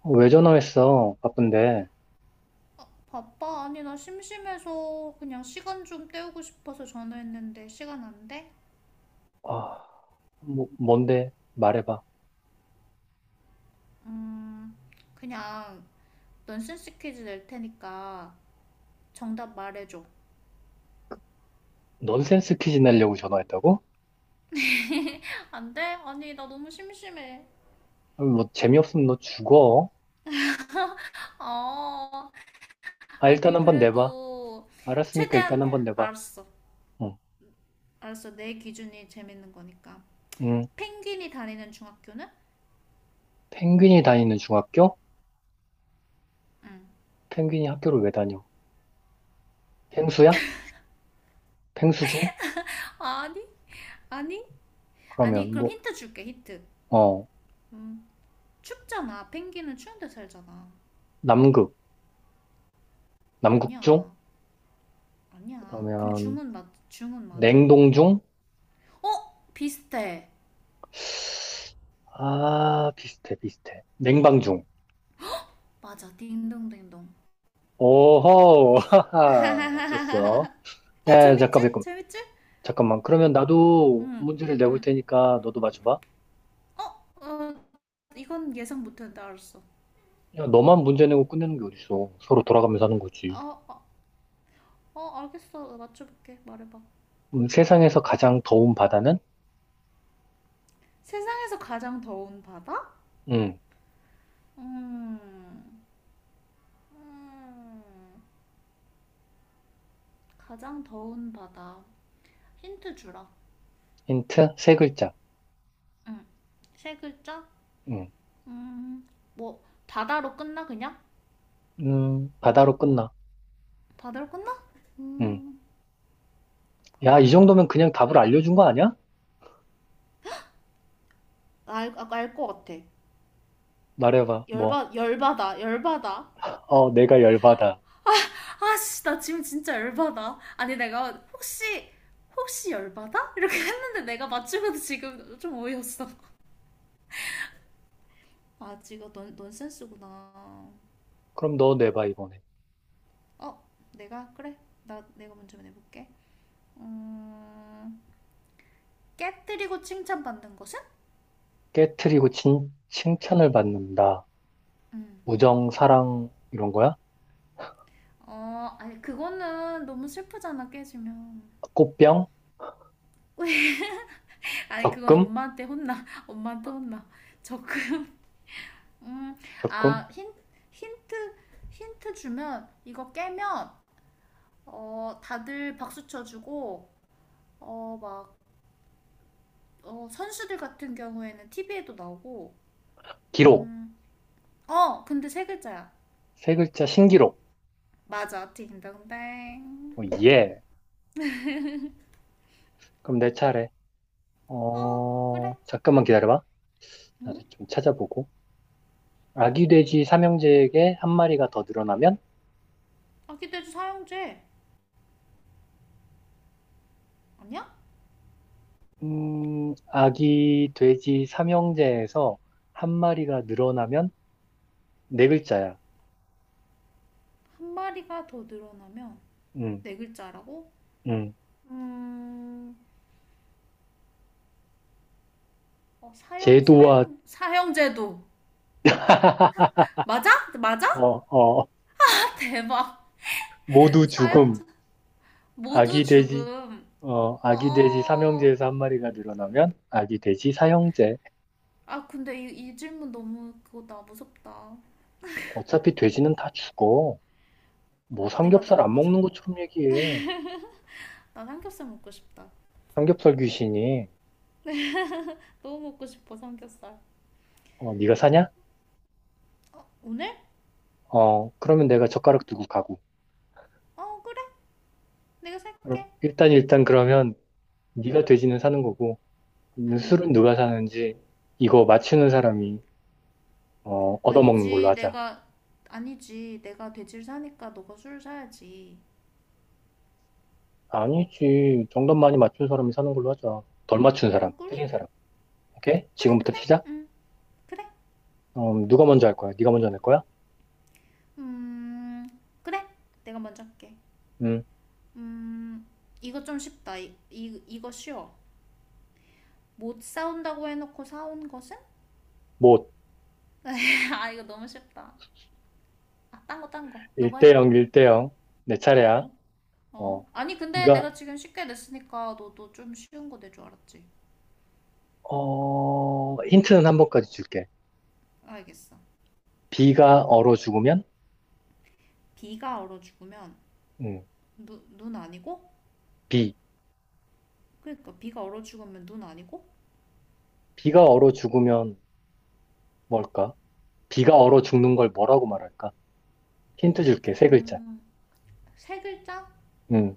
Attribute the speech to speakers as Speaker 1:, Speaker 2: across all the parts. Speaker 1: 어, 왜 전화했어? 바쁜데.
Speaker 2: 바빠? 아니, 나 심심해서 그냥 시간 좀 때우고 싶어서 전화했는데 시간 안 돼?
Speaker 1: 아, 뭔데? 말해봐.
Speaker 2: 음, 그냥 넌센스 퀴즈 낼 테니까 정답 말해줘.
Speaker 1: 넌센스 퀴즈 내려고 전화했다고?
Speaker 2: 안 돼? 아니, 나 너무 심심해.
Speaker 1: 아, 뭐, 재미없으면 너 죽어.
Speaker 2: 아,
Speaker 1: 아, 일단
Speaker 2: 아니,
Speaker 1: 한번 내봐.
Speaker 2: 그래도
Speaker 1: 알았으니까
Speaker 2: 최대한.
Speaker 1: 일단 한번 내봐.
Speaker 2: 알았어.
Speaker 1: 응.
Speaker 2: 알았어. 내 기준이 재밌는 거니까.
Speaker 1: 응.
Speaker 2: 펭귄이 다니는 중학교는?
Speaker 1: 펭귄이 다니는 중학교?
Speaker 2: 응.
Speaker 1: 펭귄이 학교를 왜 다녀? 펭수야? 펭수중?
Speaker 2: 아니, 아니, 아니,
Speaker 1: 그러면
Speaker 2: 그럼
Speaker 1: 뭐,
Speaker 2: 힌트 줄게, 힌트.
Speaker 1: 어,
Speaker 2: 음, 춥잖아. 펭귄은 추운 데 살잖아.
Speaker 1: 남극. 남극중?
Speaker 2: 아니야. 아니야. 근데
Speaker 1: 그러면,
Speaker 2: 중은 맞아.
Speaker 1: 냉동중?
Speaker 2: 어? 비슷해.
Speaker 1: 아, 비슷해, 비슷해. 냉방중.
Speaker 2: 맞아. 딩동댕동.
Speaker 1: 오호, 하하, 맞췄어. 야,
Speaker 2: 재밌지?
Speaker 1: 잠깐만.
Speaker 2: 재밌지?
Speaker 1: 그러면 나도
Speaker 2: 응,
Speaker 1: 문제를 내볼
Speaker 2: 응.
Speaker 1: 테니까 너도 맞춰봐.
Speaker 2: 어, 이건 예상 못했는데 알았어.
Speaker 1: 야, 너만 문제 내고 끝내는 게 어딨어. 서로 돌아가면서 하는 거지.
Speaker 2: 어, 어, 알겠어. 맞춰볼게. 말해봐.
Speaker 1: 세상에서 가장 더운 바다는?
Speaker 2: 세상에서 가장 더운 바다?
Speaker 1: 음,
Speaker 2: 음, 음, 가장 더운 바다. 힌트 주라.
Speaker 1: 힌트 세 글자.
Speaker 2: 세 글자?
Speaker 1: 음,
Speaker 2: 음, 뭐, 바다로 끝나, 그냥?
Speaker 1: 바다로 끝나.
Speaker 2: 바다로 끝나?
Speaker 1: 음,
Speaker 2: 음,
Speaker 1: 야,
Speaker 2: 바다.
Speaker 1: 이 정도면 그냥 답을 알려준 거 아니야?
Speaker 2: 알 것 같아.
Speaker 1: 말해봐, 뭐.
Speaker 2: 열받아, 열받아.
Speaker 1: 어, 내가 열받아.
Speaker 2: 아씨, 나 지금 진짜 열받아. 아니, 내가 혹시, 열받아 이렇게 했는데 내가 맞추고도 지금 좀 어이없어. 아, 지금 넌 넌센스구나.
Speaker 1: 그럼 너 내봐, 이번에.
Speaker 2: 어, 내가 그래. 나 내가 먼저 내볼게. 음 깨뜨리고 칭찬받는 것은?
Speaker 1: 깨트리고 칭찬을 받는다. 우정, 사랑, 이런 거야?
Speaker 2: 음어 아니, 그거는 너무 슬프잖아, 깨지면.
Speaker 1: 꽃병?
Speaker 2: 아니, 그건
Speaker 1: 적금?
Speaker 2: 엄마한테 혼나, 엄마한테 혼나. 적금. 음,
Speaker 1: 적금?
Speaker 2: 아, 힌, 힌트, 힌트 주면, 이거 깨면, 다들 박수 쳐주고, 막, 선수들 같은 경우에는 TV에도 나오고,
Speaker 1: 기록.
Speaker 2: 근데 세 글자야.
Speaker 1: 세 글자, 신기록.
Speaker 2: 맞아, 딩동댕.
Speaker 1: 어, 예. 그럼 내 차례.
Speaker 2: 어,
Speaker 1: 어,
Speaker 2: 그래.
Speaker 1: 잠깐만 기다려봐. 나도 좀 찾아보고. 아기 돼지 삼형제에게 한 마리가 더 늘어나면?
Speaker 2: 아기 돼지 사형제 아니야?
Speaker 1: 아기 돼지 삼형제에서 한 마리가 늘어나면 네 글자야.
Speaker 2: 한 마리가 더 늘어나면
Speaker 1: 음,
Speaker 2: 네 글자라고?
Speaker 1: 음.
Speaker 2: 음, 어, 사형 사
Speaker 1: 제도와,
Speaker 2: 형 사형제도 맞아?
Speaker 1: 어,
Speaker 2: 맞아?
Speaker 1: 어,
Speaker 2: 대박.
Speaker 1: 모두
Speaker 2: 사형
Speaker 1: 죽음.
Speaker 2: 제 모두
Speaker 1: 아기 돼지,
Speaker 2: 죽음.
Speaker 1: 어, 아기 돼지
Speaker 2: 아,
Speaker 1: 삼형제에서 한 마리가 늘어나면 아기 돼지 사형제.
Speaker 2: 아, 근데 이 질문 너무 그거다. 무섭다.
Speaker 1: 어차피 돼지는 다 죽어. 뭐
Speaker 2: 내가 다
Speaker 1: 삼겹살 안
Speaker 2: 먹어서.
Speaker 1: 먹는 것처럼 얘기해.
Speaker 2: 나 삼겹살 먹고 싶다.
Speaker 1: 삼겹살 귀신이
Speaker 2: 너무 먹고 싶어, 삼겹살.
Speaker 1: 어, 네가 사냐?
Speaker 2: 오늘?
Speaker 1: 어, 그러면 내가 젓가락 들고 가고.
Speaker 2: 어, 그래. 내가
Speaker 1: 그럼
Speaker 2: 살게.
Speaker 1: 일단 그러면 네가 돼지는 사는 거고 그 술은 누가 사는지 이거 맞추는 사람이 어, 얻어먹는 걸로
Speaker 2: 아니지,
Speaker 1: 하자.
Speaker 2: 내가, 아니지. 내가 돼지를 사니까 너가 술을 사야지.
Speaker 1: 아니지. 정답 많이 맞춘 사람이 사는 걸로 하자. 덜 맞춘 사람,
Speaker 2: 어, 그래?
Speaker 1: 틀린 사람. 오케이?
Speaker 2: 그래,
Speaker 1: 지금부터
Speaker 2: 그래.
Speaker 1: 시작.
Speaker 2: 그래.
Speaker 1: 어, 누가 먼저 할 거야? 네가 먼저 낼 거야?
Speaker 2: 음, 그래. 내가 먼저 할게.
Speaker 1: 음,
Speaker 2: 이거 좀 쉽다. 이거 쉬워. 못 사온다고 해놓고 사온 것은?
Speaker 1: 뭐
Speaker 2: 아, 이거 너무 쉽다. 아, 딴 거, 딴 거. 너가
Speaker 1: 1대
Speaker 2: 해봐.
Speaker 1: 0, 1대 0. 내 차례야.
Speaker 2: 어. 어?
Speaker 1: 어,
Speaker 2: 아니, 근데
Speaker 1: 네가
Speaker 2: 내가 지금 쉽게 냈으니까 너도 좀 쉬운 거 낼 줄 알았지.
Speaker 1: 어, 힌트는 한 번까지 줄게.
Speaker 2: 알겠어.
Speaker 1: 비가 얼어 죽으면?
Speaker 2: 비가 얼어 죽으면,
Speaker 1: 음,
Speaker 2: 눈 아니고?
Speaker 1: 비.
Speaker 2: 그러니까 비가 얼어 죽으면 눈 아니고?
Speaker 1: 비가 얼어 죽으면 뭘까? 비가 얼어 죽는 걸 뭐라고 말할까? 힌트 줄게, 세 글자.
Speaker 2: 음, 세 글자?
Speaker 1: 음,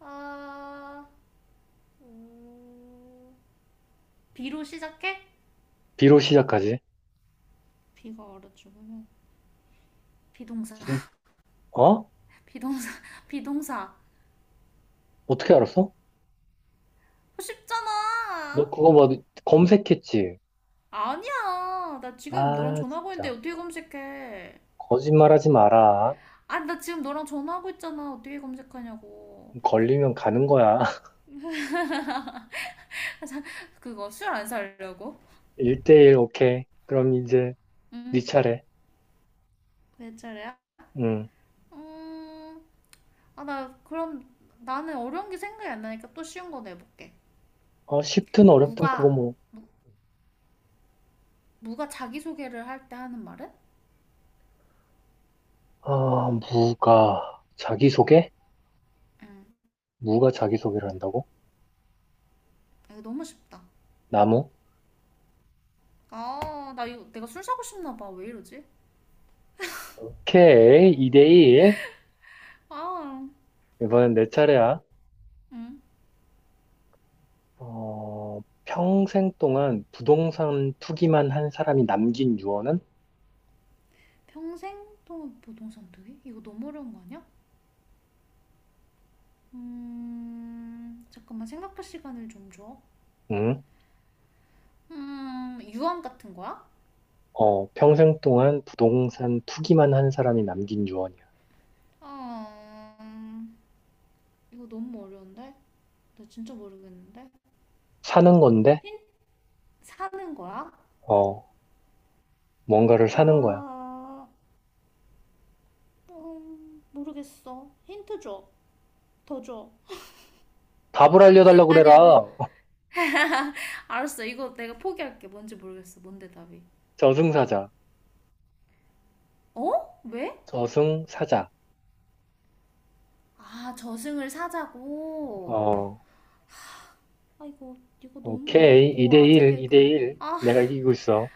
Speaker 2: 아, 비로 시작해?
Speaker 1: 비로 시작하지.
Speaker 2: 비가 얼어 죽으면 비동사.
Speaker 1: 음, 어?
Speaker 2: 비동사, 비동사.
Speaker 1: 어떻게 알았어? 너
Speaker 2: 쉽잖아.
Speaker 1: 그거 뭐 검색했지?
Speaker 2: 아니야. 나 지금 너랑
Speaker 1: 아,
Speaker 2: 전화하고 있는데
Speaker 1: 진짜.
Speaker 2: 어떻게 검색해?
Speaker 1: 거짓말하지 마라.
Speaker 2: 아니, 나 지금 너랑 전화하고 있잖아. 어떻게 검색하냐고.
Speaker 1: 걸리면 가는 거야.
Speaker 2: 그거 술 안 살려고?
Speaker 1: 1대1, 오케이. 그럼 이제 네 차례.
Speaker 2: 왜 저래야.
Speaker 1: 음.
Speaker 2: 음, 아, 나 그럼 나는 어려운 게 생각이 안 나니까 또 쉬운 거 내볼게.
Speaker 1: 어, 쉽든 어렵든 그거
Speaker 2: 무가,
Speaker 1: 뭐.
Speaker 2: 무가 자기소개를 할 때 하는 말은?
Speaker 1: 아, 무가 자기소개? 무가 자기소개를 한다고?
Speaker 2: 아, 이거 너무 쉽다.
Speaker 1: 나무?
Speaker 2: 아, 나 이거 내가 술 사고 싶나 봐. 왜 이러지?
Speaker 1: 오케이, 2대1.
Speaker 2: 아,
Speaker 1: 이번엔 내 차례야.
Speaker 2: 음.
Speaker 1: 어, 평생 동안 부동산 투기만 한 사람이 남긴 유언은?
Speaker 2: 평생 동안 보통상투기? 이거 너무 어려운 거 아니야? 잠깐만 생각할 시간을 좀 줘.
Speaker 1: 응?
Speaker 2: 유언 같은 거야?
Speaker 1: 어, 평생 동안 부동산 투기만 한 사람이 남긴 유언이야.
Speaker 2: 아, 음, 이거 너무 어려운데? 나 진짜 모르겠는데?
Speaker 1: 사는 건데,
Speaker 2: 사는 거야?
Speaker 1: 어, 뭔가를 사는 거야.
Speaker 2: 아, 모르겠어. 힌트 줘. 더 줘.
Speaker 1: 답을 알려달라
Speaker 2: 아니야, 뭐,
Speaker 1: 그래라.
Speaker 2: 알았어. 이거 내가 포기할게. 뭔지 모르겠어. 뭔데 답이.
Speaker 1: 저승사자.
Speaker 2: 어? 왜?
Speaker 1: 저승사자.
Speaker 2: 아, 저승을 사자고.
Speaker 1: 어,
Speaker 2: 아, 이거 너무
Speaker 1: 오케이.
Speaker 2: 어렵고, 아재
Speaker 1: 2대1,
Speaker 2: 개그.
Speaker 1: 2대1. 내가 이기고 있어.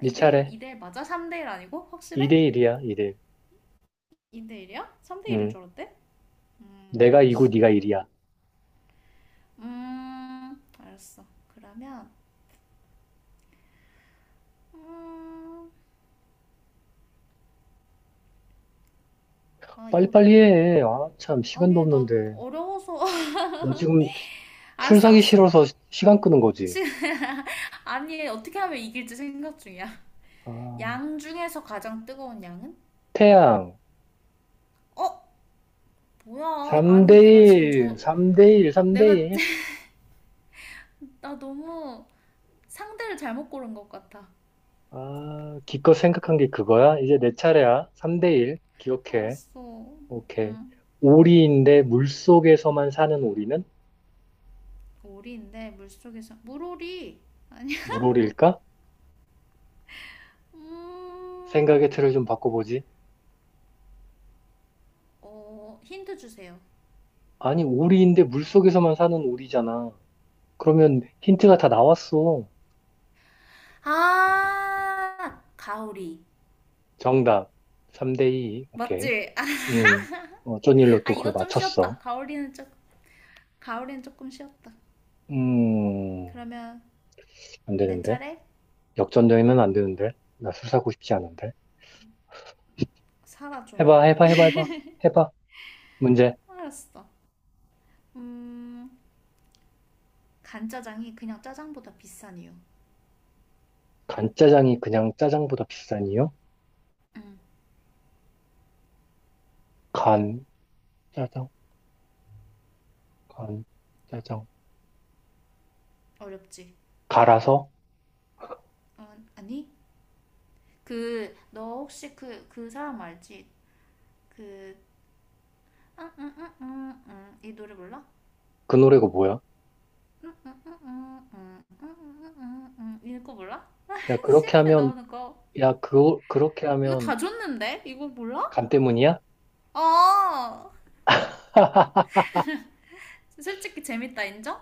Speaker 1: 네
Speaker 2: 2대1,
Speaker 1: 차례.
Speaker 2: 2대1 맞아? 3대1 아니고? 확실해?
Speaker 1: 2대1이야, 2대1.
Speaker 2: 2대1이야? 3대1인
Speaker 1: 응.
Speaker 2: 줄 알았대?
Speaker 1: 내가 이고
Speaker 2: 알았어.
Speaker 1: 네가 일이
Speaker 2: 그러면.
Speaker 1: 야
Speaker 2: 알았어. 그러면, 음, 아, 이거
Speaker 1: 빨리빨리
Speaker 2: 되게.
Speaker 1: 해. 아, 참, 시간도
Speaker 2: 아니, 나
Speaker 1: 없는데.
Speaker 2: 어려워서.
Speaker 1: 너 지금 술
Speaker 2: 알았어,
Speaker 1: 사기
Speaker 2: 알았어.
Speaker 1: 싫어서 시간 끄는 거지.
Speaker 2: 시, 아니, 어떻게 하면 이길지 생각 중이야.
Speaker 1: 아,
Speaker 2: 양 중에서 가장 뜨거운 양은?
Speaker 1: 태양.
Speaker 2: 어? 뭐야? 아니, 내가 지금
Speaker 1: 3대1, 3대1,
Speaker 2: 내가,
Speaker 1: 3대1.
Speaker 2: 나 너무 상대를 잘못 고른 것 같아.
Speaker 1: 아, 기껏 생각한 게 그거야? 이제 내 차례야. 3대1. 기억해.
Speaker 2: 알았어.
Speaker 1: 오케이. 오리인데 물속에서만 사는 오리는?
Speaker 2: 오리인데, 물속에서. 물오리! 아니,
Speaker 1: 물오리일까?
Speaker 2: 음,
Speaker 1: 생각의 틀을 좀 바꿔보지.
Speaker 2: 힌트 주세요.
Speaker 1: 아니, 오리인데 물속에서만 사는 오리잖아. 그러면 힌트가 다 나왔어.
Speaker 2: 아, 가오리.
Speaker 1: 정답. 3대2. 오케이.
Speaker 2: 맞지?
Speaker 1: 음, 어, 어쩐 일로
Speaker 2: 아,
Speaker 1: 또 그걸
Speaker 2: 이거 좀 쉬었다.
Speaker 1: 맞췄어.
Speaker 2: 가오리는 조금, 가오리는 조금 쉬었다.
Speaker 1: 음.
Speaker 2: 그러면
Speaker 1: 안
Speaker 2: 내
Speaker 1: 되는데.
Speaker 2: 차례?
Speaker 1: 역전되면 안 되는데. 나 술 사고 싶지 않은데.
Speaker 2: 살아 좀.
Speaker 1: 해봐. 해봐. 문제.
Speaker 2: 알았어. 음, 간짜장이 그냥 짜장보다 비싼 이유.
Speaker 1: 간짜장이 그냥 짜장보다 비싼 이유? 간, 짜장, 간, 짜장.
Speaker 2: 어렵지?
Speaker 1: 갈아서?
Speaker 2: 어, 아니? 그, 너 혹시 그, 그 사람 알지? 그, 이 노래 몰라?
Speaker 1: 그 노래가 뭐야?
Speaker 2: 이거 몰라?
Speaker 1: 야, 그렇게
Speaker 2: CF에
Speaker 1: 하면,
Speaker 2: 나오는 거.
Speaker 1: 야, 그렇게
Speaker 2: 이거
Speaker 1: 하면
Speaker 2: 다 줬는데? 이거 몰라?
Speaker 1: 간 때문이야?
Speaker 2: 아, 솔직히 재밌다, 인정?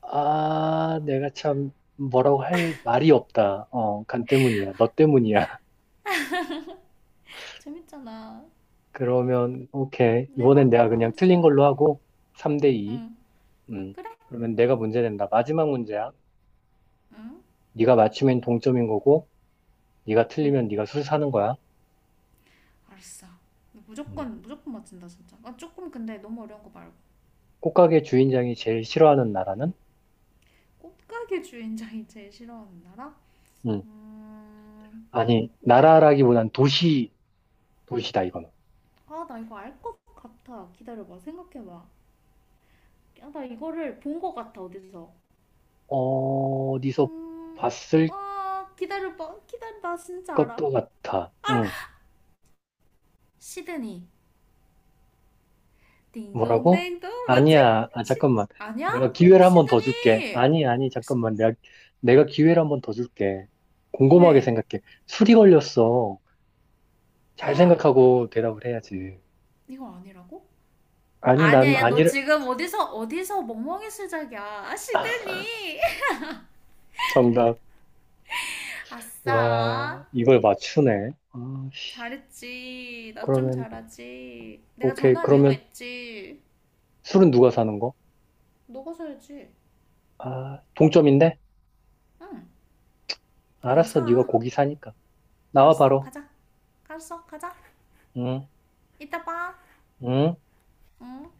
Speaker 1: 아, 내가 참 뭐라고 할 말이 없다. 어, 간 때문이야. 너 때문이야.
Speaker 2: 재밌잖아.
Speaker 1: 그러면, 오케이.
Speaker 2: 내봐.
Speaker 1: 이번엔 내가 그냥
Speaker 2: 문제
Speaker 1: 틀린
Speaker 2: 내봐.
Speaker 1: 걸로 하고, 3 대 2.
Speaker 2: 응,
Speaker 1: 음.
Speaker 2: 그래?
Speaker 1: 그러면 내가 문제 낸다. 마지막 문제야.
Speaker 2: 응,
Speaker 1: 네가 맞추면 동점인 거고, 네가 틀리면 네가 술 사는 거야.
Speaker 2: 알았어.
Speaker 1: 음.
Speaker 2: 무조건, 무조건 맞힌다 진짜. 아, 조금 근데 너무 어려운 거 말고.
Speaker 1: 꽃가게 주인장이 제일 싫어하는 나라는?
Speaker 2: 꽃가게 주인장이 제일 싫어하는 나라?
Speaker 1: 음.
Speaker 2: 음...
Speaker 1: 아니, 나라라기보단 도시, 도시다, 이거는.
Speaker 2: 아, 나 이거 알 것 같아. 기다려봐. 생각해봐. 야, 나 이거를 본 것 같아. 어디서?
Speaker 1: 어디서
Speaker 2: 음,
Speaker 1: 봤을
Speaker 2: 아, 기다려봐. 기다려. 나 진짜 알아.
Speaker 1: 것도 같아. 응.
Speaker 2: 시드니.
Speaker 1: 뭐라고?
Speaker 2: 딩동댕동. 맞지?
Speaker 1: 아니야, 아,
Speaker 2: 시,
Speaker 1: 잠깐만.
Speaker 2: 아니야?
Speaker 1: 내가 기회를 한 번 더 줄게.
Speaker 2: 시드니.
Speaker 1: 아니, 아니, 잠깐만. 내가, 내가 기회를 한 번 더 줄게. 곰곰하게
Speaker 2: 왜?
Speaker 1: 생각해. 술이 걸렸어. 잘
Speaker 2: 아,
Speaker 1: 생각하고 대답을 해야지.
Speaker 2: 이거 아니라고?
Speaker 1: 아니, 난
Speaker 2: 아니야, 야, 너
Speaker 1: 아니를,
Speaker 2: 지금 어디서, 어디서 멍멍이 수작이야. 아, 시드니.
Speaker 1: 정답.
Speaker 2: 아싸.
Speaker 1: 와, 이걸 맞추네. 아, 씨.
Speaker 2: 잘했지. 나 좀
Speaker 1: 그러면,
Speaker 2: 잘하지. 내가
Speaker 1: 오케이.
Speaker 2: 전화한 이유가
Speaker 1: 그러면
Speaker 2: 있지.
Speaker 1: 술은 누가 사는 거?
Speaker 2: 너가 사야지.
Speaker 1: 아, 동점인데?
Speaker 2: 응. 그냥
Speaker 1: 알았어. 네가
Speaker 2: 사.
Speaker 1: 고기 사니까. 나와,
Speaker 2: 알았어,
Speaker 1: 바로.
Speaker 2: 가자. 알았어, 가자.
Speaker 1: 응,
Speaker 2: 이따 봐.
Speaker 1: 응.
Speaker 2: 응.